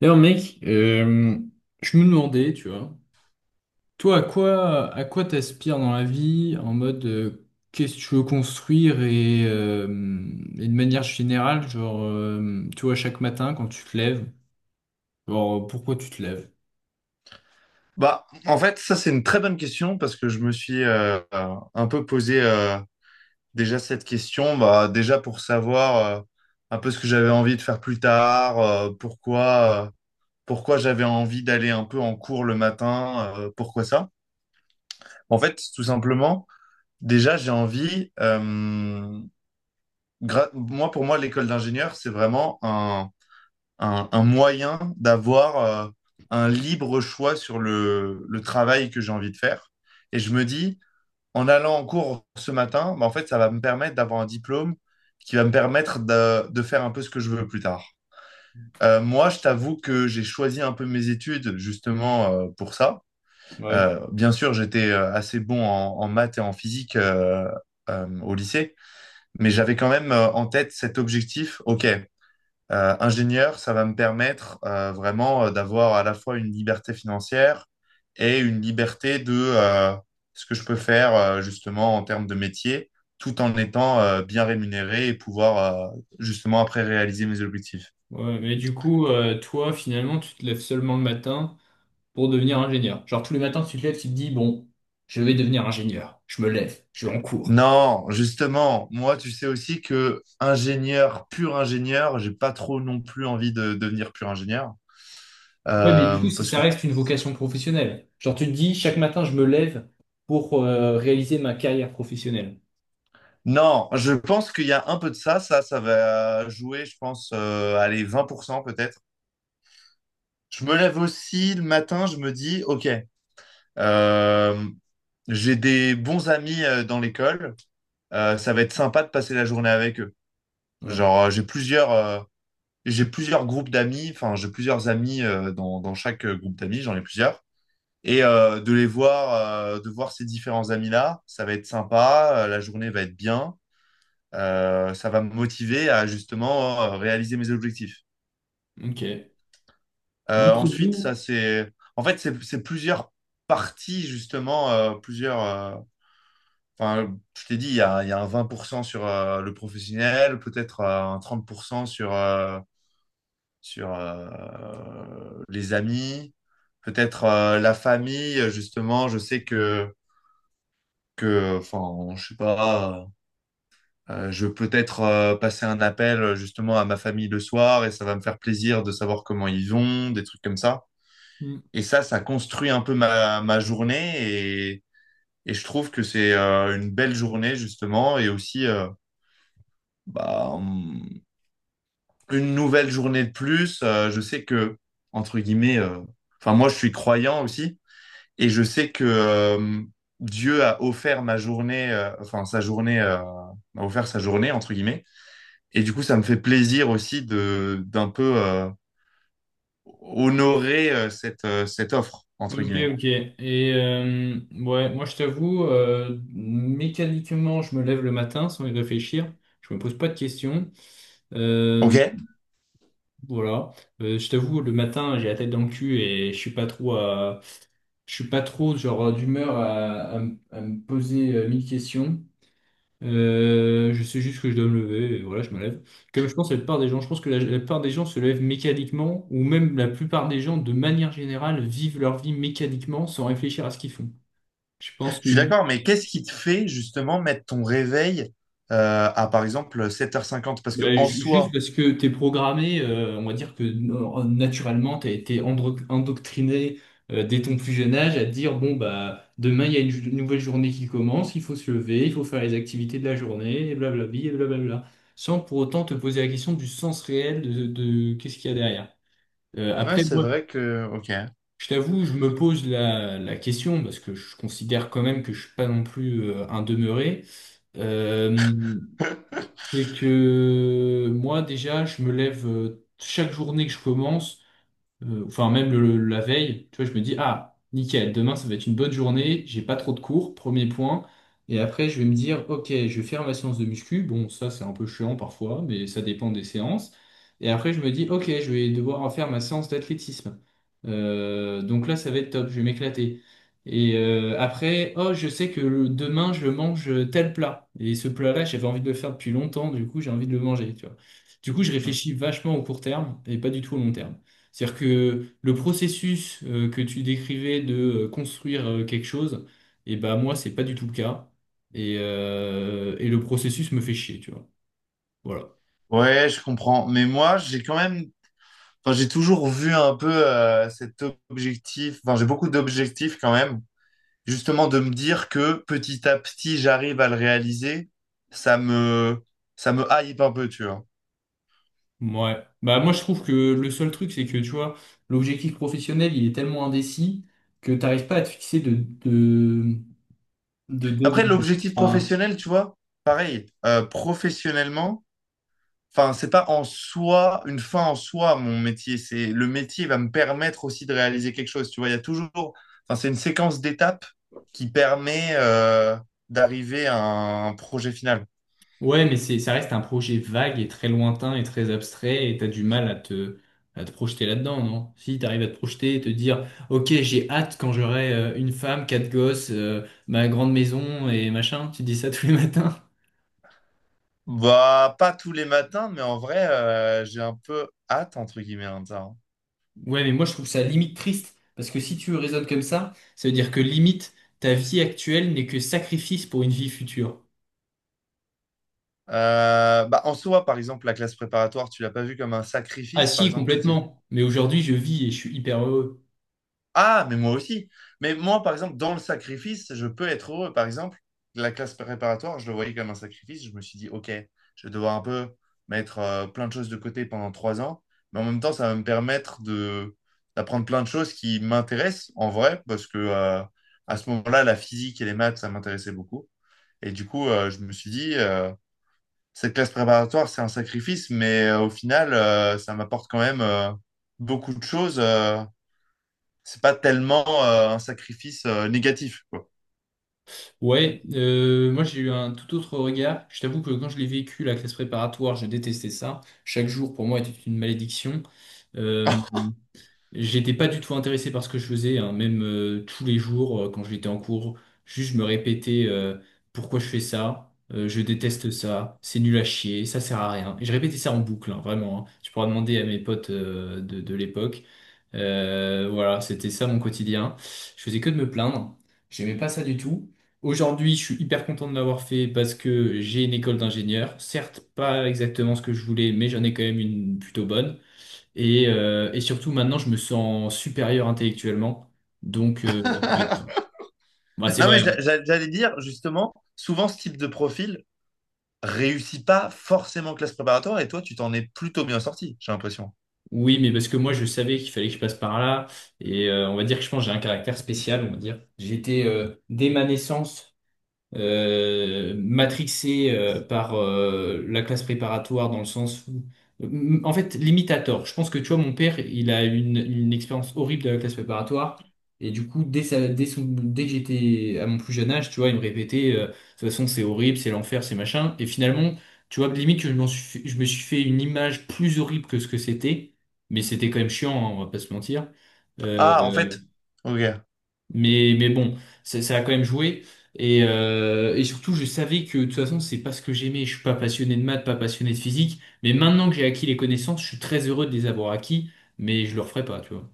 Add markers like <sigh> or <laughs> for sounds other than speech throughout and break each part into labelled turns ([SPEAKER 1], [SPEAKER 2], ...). [SPEAKER 1] D'ailleurs, mec, je me demandais, tu vois, toi, à quoi t'aspires dans la vie en mode qu'est-ce que tu veux construire et et de manière générale, genre, tu vois, chaque matin quand tu te lèves, genre, pourquoi tu te lèves?
[SPEAKER 2] Bah, en fait, ça, c'est une très bonne question parce que je me suis un peu posé déjà cette question, bah, déjà pour savoir un peu ce que j'avais envie de faire plus tard, pourquoi j'avais envie d'aller un peu en cours le matin, pourquoi ça. En fait, tout simplement, déjà, j'ai envie, moi, pour moi, l'école d'ingénieur, c'est vraiment un moyen d'avoir euh, un libre choix sur le travail que j'ai envie de faire. Et je me dis, en allant en cours ce matin, bah, en fait, ça va me permettre d'avoir un diplôme qui va me permettre de faire un peu ce que je veux plus tard. Moi, je t'avoue que j'ai choisi un peu mes études justement pour ça.
[SPEAKER 1] Ouais.
[SPEAKER 2] Bien sûr, j'étais assez bon en maths et en physique au lycée, mais j'avais quand même en tête cet objectif. OK, ingénieur, ça va me permettre vraiment d'avoir à la fois une liberté financière et une liberté de ce que je peux faire justement en termes de métier, tout en étant bien rémunéré et pouvoir justement après réaliser mes objectifs.
[SPEAKER 1] Ouais, mais du coup, toi, finalement, tu te lèves seulement le matin pour devenir ingénieur. Genre, tous les matins, tu te lèves, tu te dis, bon, je vais devenir ingénieur, je me lève, je vais en cours.
[SPEAKER 2] Non, justement, moi, tu sais aussi que ingénieur, pur ingénieur, j'ai pas trop non plus envie de devenir pur ingénieur.
[SPEAKER 1] Ouais, mais du coup,
[SPEAKER 2] Parce
[SPEAKER 1] ça
[SPEAKER 2] que
[SPEAKER 1] reste une vocation professionnelle. Genre, tu te dis, chaque matin, je me lève pour réaliser ma carrière professionnelle.
[SPEAKER 2] non, je pense qu'il y a un peu de ça, ça va jouer, je pense, allez, 20% peut-être. Je me lève aussi le matin, je me dis, OK, euh, j'ai des bons amis dans l'école, ça va être sympa de passer la journée avec eux.
[SPEAKER 1] Ouais,
[SPEAKER 2] Genre, j'ai plusieurs groupes d'amis, enfin, j'ai plusieurs amis dans chaque groupe d'amis, j'en ai plusieurs. De les voir, de voir ces différents amis-là, ça va être sympa, la journée va être bien, ça va me motiver à justement réaliser mes objectifs.
[SPEAKER 1] ok. Moi, je t'avoue.
[SPEAKER 2] En fait, c'est plusieurs parties justement, plusieurs. Enfin, je t'ai dit, il y a un 20% sur le professionnel, peut-être un 30% sur les amis, peut-être la famille. Justement, je sais que, enfin, je sais pas, je vais peut-être passer un appel justement à ma famille le soir et ça va me faire plaisir de savoir comment ils vont, des trucs comme ça.
[SPEAKER 1] Mm.
[SPEAKER 2] Et ça, ça construit un peu ma journée et je trouve que c'est une belle journée justement et aussi bah, hum, une nouvelle journée de plus. Je sais que, entre guillemets, enfin moi je suis croyant aussi et je sais que Dieu a offert ma journée, enfin sa journée, m'a offert sa journée, entre guillemets. Et du coup, ça me fait plaisir aussi de d'un peu honorer cette offre, entre
[SPEAKER 1] Ok,
[SPEAKER 2] guillemets.
[SPEAKER 1] ok. Et ouais, moi, je t'avoue, mécaniquement, je me lève le matin sans y réfléchir. Je me pose pas de questions. Euh,
[SPEAKER 2] Ok?
[SPEAKER 1] voilà. Je t'avoue, le matin, j'ai la tête dans le cul et je suis pas trop je suis pas trop genre d'humeur à me poser mille questions. Je sais juste que je dois me lever et voilà, je me lève. Comme je pense à la plupart des gens, je pense que la plupart des gens se lèvent mécaniquement ou même la plupart des gens, de manière générale, vivent leur vie mécaniquement sans réfléchir à ce qu'ils font. Je pense
[SPEAKER 2] Je
[SPEAKER 1] que
[SPEAKER 2] suis d'accord, mais qu'est-ce qui te fait justement mettre ton réveil à par exemple sept heures cinquante? Parce que
[SPEAKER 1] Ben,
[SPEAKER 2] en
[SPEAKER 1] juste
[SPEAKER 2] soi,
[SPEAKER 1] parce que t'es programmé, on va dire que naturellement, t'as été endoctriné dès ton plus jeune âge à te dire, bon, bah, demain, il y a une nouvelle journée qui commence, il faut se lever, il faut faire les activités de la journée, et blablabli, et blablabla, sans pour autant te poser la question du sens réel de qu'est-ce qu'il y a derrière.
[SPEAKER 2] ouais,
[SPEAKER 1] Après,
[SPEAKER 2] c'est
[SPEAKER 1] moi,
[SPEAKER 2] vrai que. Ok.
[SPEAKER 1] je t'avoue, je me pose la, la question, parce que je considère quand même que je suis pas non plus un demeuré. Euh,
[SPEAKER 2] <laughs>
[SPEAKER 1] c'est que moi, déjà, je me lève chaque journée que je commence, enfin même la veille, tu vois, je me dis, ah, nickel, demain ça va être une bonne journée, j'ai pas trop de cours, premier point. Et après, je vais me dire, ok, je vais faire ma séance de muscu. Bon, ça, c'est un peu chiant parfois, mais ça dépend des séances. Et après, je me dis, ok, je vais devoir faire ma séance d'athlétisme. Donc là, ça va être top, je vais m'éclater. Et après, oh, je sais que demain, je mange tel plat. Et ce plat-là, j'avais envie de le faire depuis longtemps, du coup, j'ai envie de le manger, tu vois. Du coup, je
[SPEAKER 2] Hmm.
[SPEAKER 1] réfléchis vachement au court terme et pas du tout au long terme. C'est-à-dire que le processus que tu décrivais de construire quelque chose, et ben moi, c'est pas du tout le cas. Et et le processus me fait chier, tu vois. Voilà.
[SPEAKER 2] Ouais, je comprends. Mais moi, j'ai quand même. Enfin, j'ai toujours vu un peu cet objectif. Enfin, j'ai beaucoup d'objectifs quand même. Justement, de me dire que petit à petit, j'arrive à le réaliser. Ça me. Ça me hype un peu, tu vois.
[SPEAKER 1] Ouais. Bah moi, je trouve que le seul truc, c'est que, tu vois, l'objectif professionnel, il est tellement indécis que t'arrives pas à te fixer de, de
[SPEAKER 2] Après,
[SPEAKER 1] deadline.
[SPEAKER 2] l'objectif
[SPEAKER 1] Enfin,
[SPEAKER 2] professionnel, tu vois, pareil. Professionnellement. Enfin, c'est pas en soi, une fin en soi, mon métier. C'est le métier va me permettre aussi de réaliser quelque chose. Tu vois, il y a toujours. Enfin, c'est une séquence d'étapes qui permet d'arriver à un projet final.
[SPEAKER 1] ouais, mais c'est, ça reste un projet vague et très lointain et très abstrait et t'as du mal à te projeter là-dedans, non? Si t'arrives à te projeter et te dire, ok, j'ai hâte quand j'aurai une femme, quatre gosses, ma grande maison et machin, tu dis ça tous les <laughs> matins.
[SPEAKER 2] Bah, pas tous les matins, mais en vrai, j'ai un peu hâte, entre guillemets, hein, de ça, hein.
[SPEAKER 1] Ouais, mais moi je trouve ça limite triste parce que si tu raisonnes comme ça veut dire que limite ta vie actuelle n'est que sacrifice pour une vie future.
[SPEAKER 2] Bah, en soi, par exemple, la classe préparatoire, tu l'as pas vu comme un
[SPEAKER 1] Ah
[SPEAKER 2] sacrifice. Par
[SPEAKER 1] si,
[SPEAKER 2] exemple, tu t'y
[SPEAKER 1] complètement. Mais aujourd'hui je vis et je suis hyper heureux.
[SPEAKER 2] Ah, mais moi aussi. Mais moi, par exemple, dans le sacrifice, je peux être heureux. Par exemple, la classe préparatoire, je le voyais comme un sacrifice. Je me suis dit, OK, je vais devoir un peu mettre plein de choses de côté pendant trois ans. Mais en même temps, ça va me permettre de d'apprendre plein de choses qui m'intéressent en vrai, parce que à ce moment-là, la physique et les maths, ça m'intéressait beaucoup. Et du coup, je me suis dit, cette classe préparatoire, c'est un sacrifice, mais au final, ça m'apporte quand même beaucoup de choses. C'est pas tellement un sacrifice négatif. Quoi.
[SPEAKER 1] Ouais, moi j'ai eu un tout autre regard. Je t'avoue que quand je l'ai vécu, la classe préparatoire, je détestais ça. Chaque jour pour moi était une malédiction. Euh, j'étais pas du tout intéressé par ce que je faisais, hein. Même tous les jours quand j'étais en cours, juste je me répétais pourquoi je fais ça, je déteste ça, c'est nul à chier, ça sert à rien. Et je répétais ça en boucle, hein, vraiment. Hein. Tu pourras demander à mes potes de l'époque. Voilà, c'était ça mon quotidien. Je faisais que de me plaindre. J'aimais pas ça du tout. Aujourd'hui, je suis hyper content de l'avoir fait parce que j'ai une école d'ingénieur. Certes, pas exactement ce que je voulais, mais j'en ai quand même une plutôt bonne. Et et surtout, maintenant, je me sens supérieur intellectuellement. Donc,
[SPEAKER 2] <laughs>
[SPEAKER 1] je regrette
[SPEAKER 2] Non,
[SPEAKER 1] pas. Bah, c'est
[SPEAKER 2] mais
[SPEAKER 1] vrai. Hein.
[SPEAKER 2] j'allais dire, justement, souvent ce type de profil réussit pas forcément en classe préparatoire et toi, tu t'en es plutôt bien sorti, j'ai l'impression.
[SPEAKER 1] Oui, mais parce que moi, je savais qu'il fallait que je passe par là. Et on va dire que je pense que j'ai un caractère spécial, on va dire. J'étais, dès ma naissance, matrixé par la classe préparatoire dans le sens où... M- En fait, limite à tort. Je pense que tu vois, mon père, il a une expérience horrible de la classe préparatoire. Et du coup, dès, sa- dès, son- dès que j'étais à mon plus jeune âge, tu vois, il me répétait, de toute façon, c'est horrible, c'est l'enfer, c'est machin. Et finalement, tu vois, limite, je me suis fait une image plus horrible que ce que c'était. Mais c'était quand même chiant, hein, on va pas se mentir.
[SPEAKER 2] Ah, en
[SPEAKER 1] Euh,
[SPEAKER 2] fait, ok.
[SPEAKER 1] mais bon, ça a quand même joué. Et et surtout, je savais que de toute façon, c'est pas ce que j'aimais. Je suis pas passionné de maths, pas passionné de physique. Mais maintenant que j'ai acquis les connaissances, je suis très heureux de les avoir acquis, mais je le referai pas, tu vois.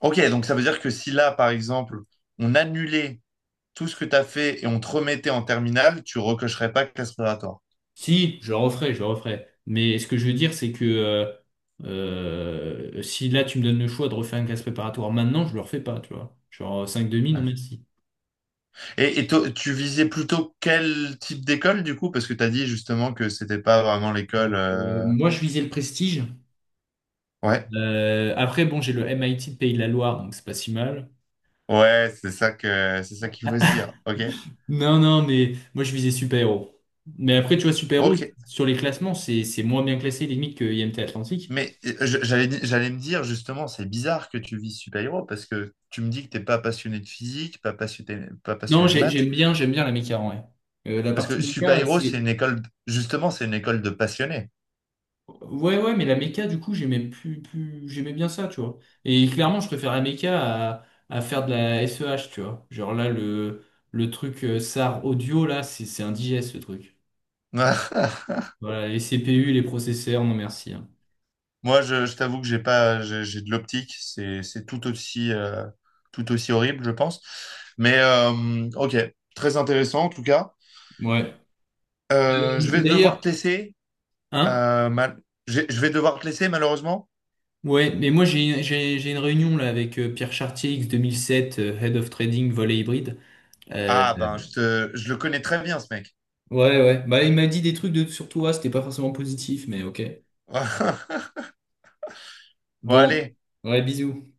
[SPEAKER 2] Ok, donc ça veut dire que si là, par exemple, on annulait tout ce que tu as fait et on te remettait en terminale, tu recocherais pas classe préparatoire.
[SPEAKER 1] Si, je le referai, je le referai. Mais ce que je veux dire, c'est que si là, tu me donnes le choix de refaire un classe préparatoire maintenant, je le refais pas, tu vois. Genre 5 demi, non
[SPEAKER 2] Ouais.
[SPEAKER 1] merci.
[SPEAKER 2] Et, tu visais plutôt quel type d'école, du coup? Parce que tu as dit justement que c'était pas vraiment l'école.
[SPEAKER 1] Euh, moi, je visais le prestige.
[SPEAKER 2] Ouais.
[SPEAKER 1] Après, bon, j'ai le MIT de Pays de la Loire, donc c'est pas si mal.
[SPEAKER 2] Ouais, c'est ça que c'est ça qu'il faut se dire. Ok,
[SPEAKER 1] Non, non, mais moi je visais super-héros. Mais après, tu vois, super-héros,
[SPEAKER 2] ok.
[SPEAKER 1] sur les classements, c'est moins bien classé limite que IMT Atlantique.
[SPEAKER 2] Mais j'allais me dire justement, c'est bizarre que tu vises super-héros parce que tu me dis que t'es pas passionné de physique, pas
[SPEAKER 1] Non,
[SPEAKER 2] passionné de maths,
[SPEAKER 1] j'aime bien la méca en vrai. La
[SPEAKER 2] parce que
[SPEAKER 1] partie méca,
[SPEAKER 2] super-héros c'est
[SPEAKER 1] c'est.
[SPEAKER 2] une école justement c'est une école de passionnés.
[SPEAKER 1] Ouais, ouais, mais la méca, du coup, j'aimais plus, plus... j'aimais bien ça, tu vois. Et clairement, je préfère la méca à, à faire de la SEH, tu vois. Genre là, le truc SAR audio, là, c'est indigeste, ce truc.
[SPEAKER 2] <laughs>
[SPEAKER 1] Voilà, les CPU, les processeurs, non merci. Hein.
[SPEAKER 2] Je t'avoue que j'ai pas j'ai j'ai de l'optique, c'est tout aussi horrible, je pense. Mais ok, très intéressant en tout cas.
[SPEAKER 1] Ouais.
[SPEAKER 2] Je vais devoir
[SPEAKER 1] D'ailleurs,
[SPEAKER 2] te laisser.
[SPEAKER 1] hein?
[SPEAKER 2] euh, mal- Je vais devoir te laisser malheureusement.
[SPEAKER 1] Ouais, mais moi j'ai j'ai une réunion là avec Pierre Chartier X 2007, Head of Trading Volet Hybride. Euh,
[SPEAKER 2] Ah ben, je le connais très bien, ce mec.
[SPEAKER 1] ouais, ouais. Bah il m'a dit des trucs de sur toi, c'était pas forcément positif, mais ok.
[SPEAKER 2] <laughs> Bon,
[SPEAKER 1] Bon,
[SPEAKER 2] allez.
[SPEAKER 1] ouais, bisous.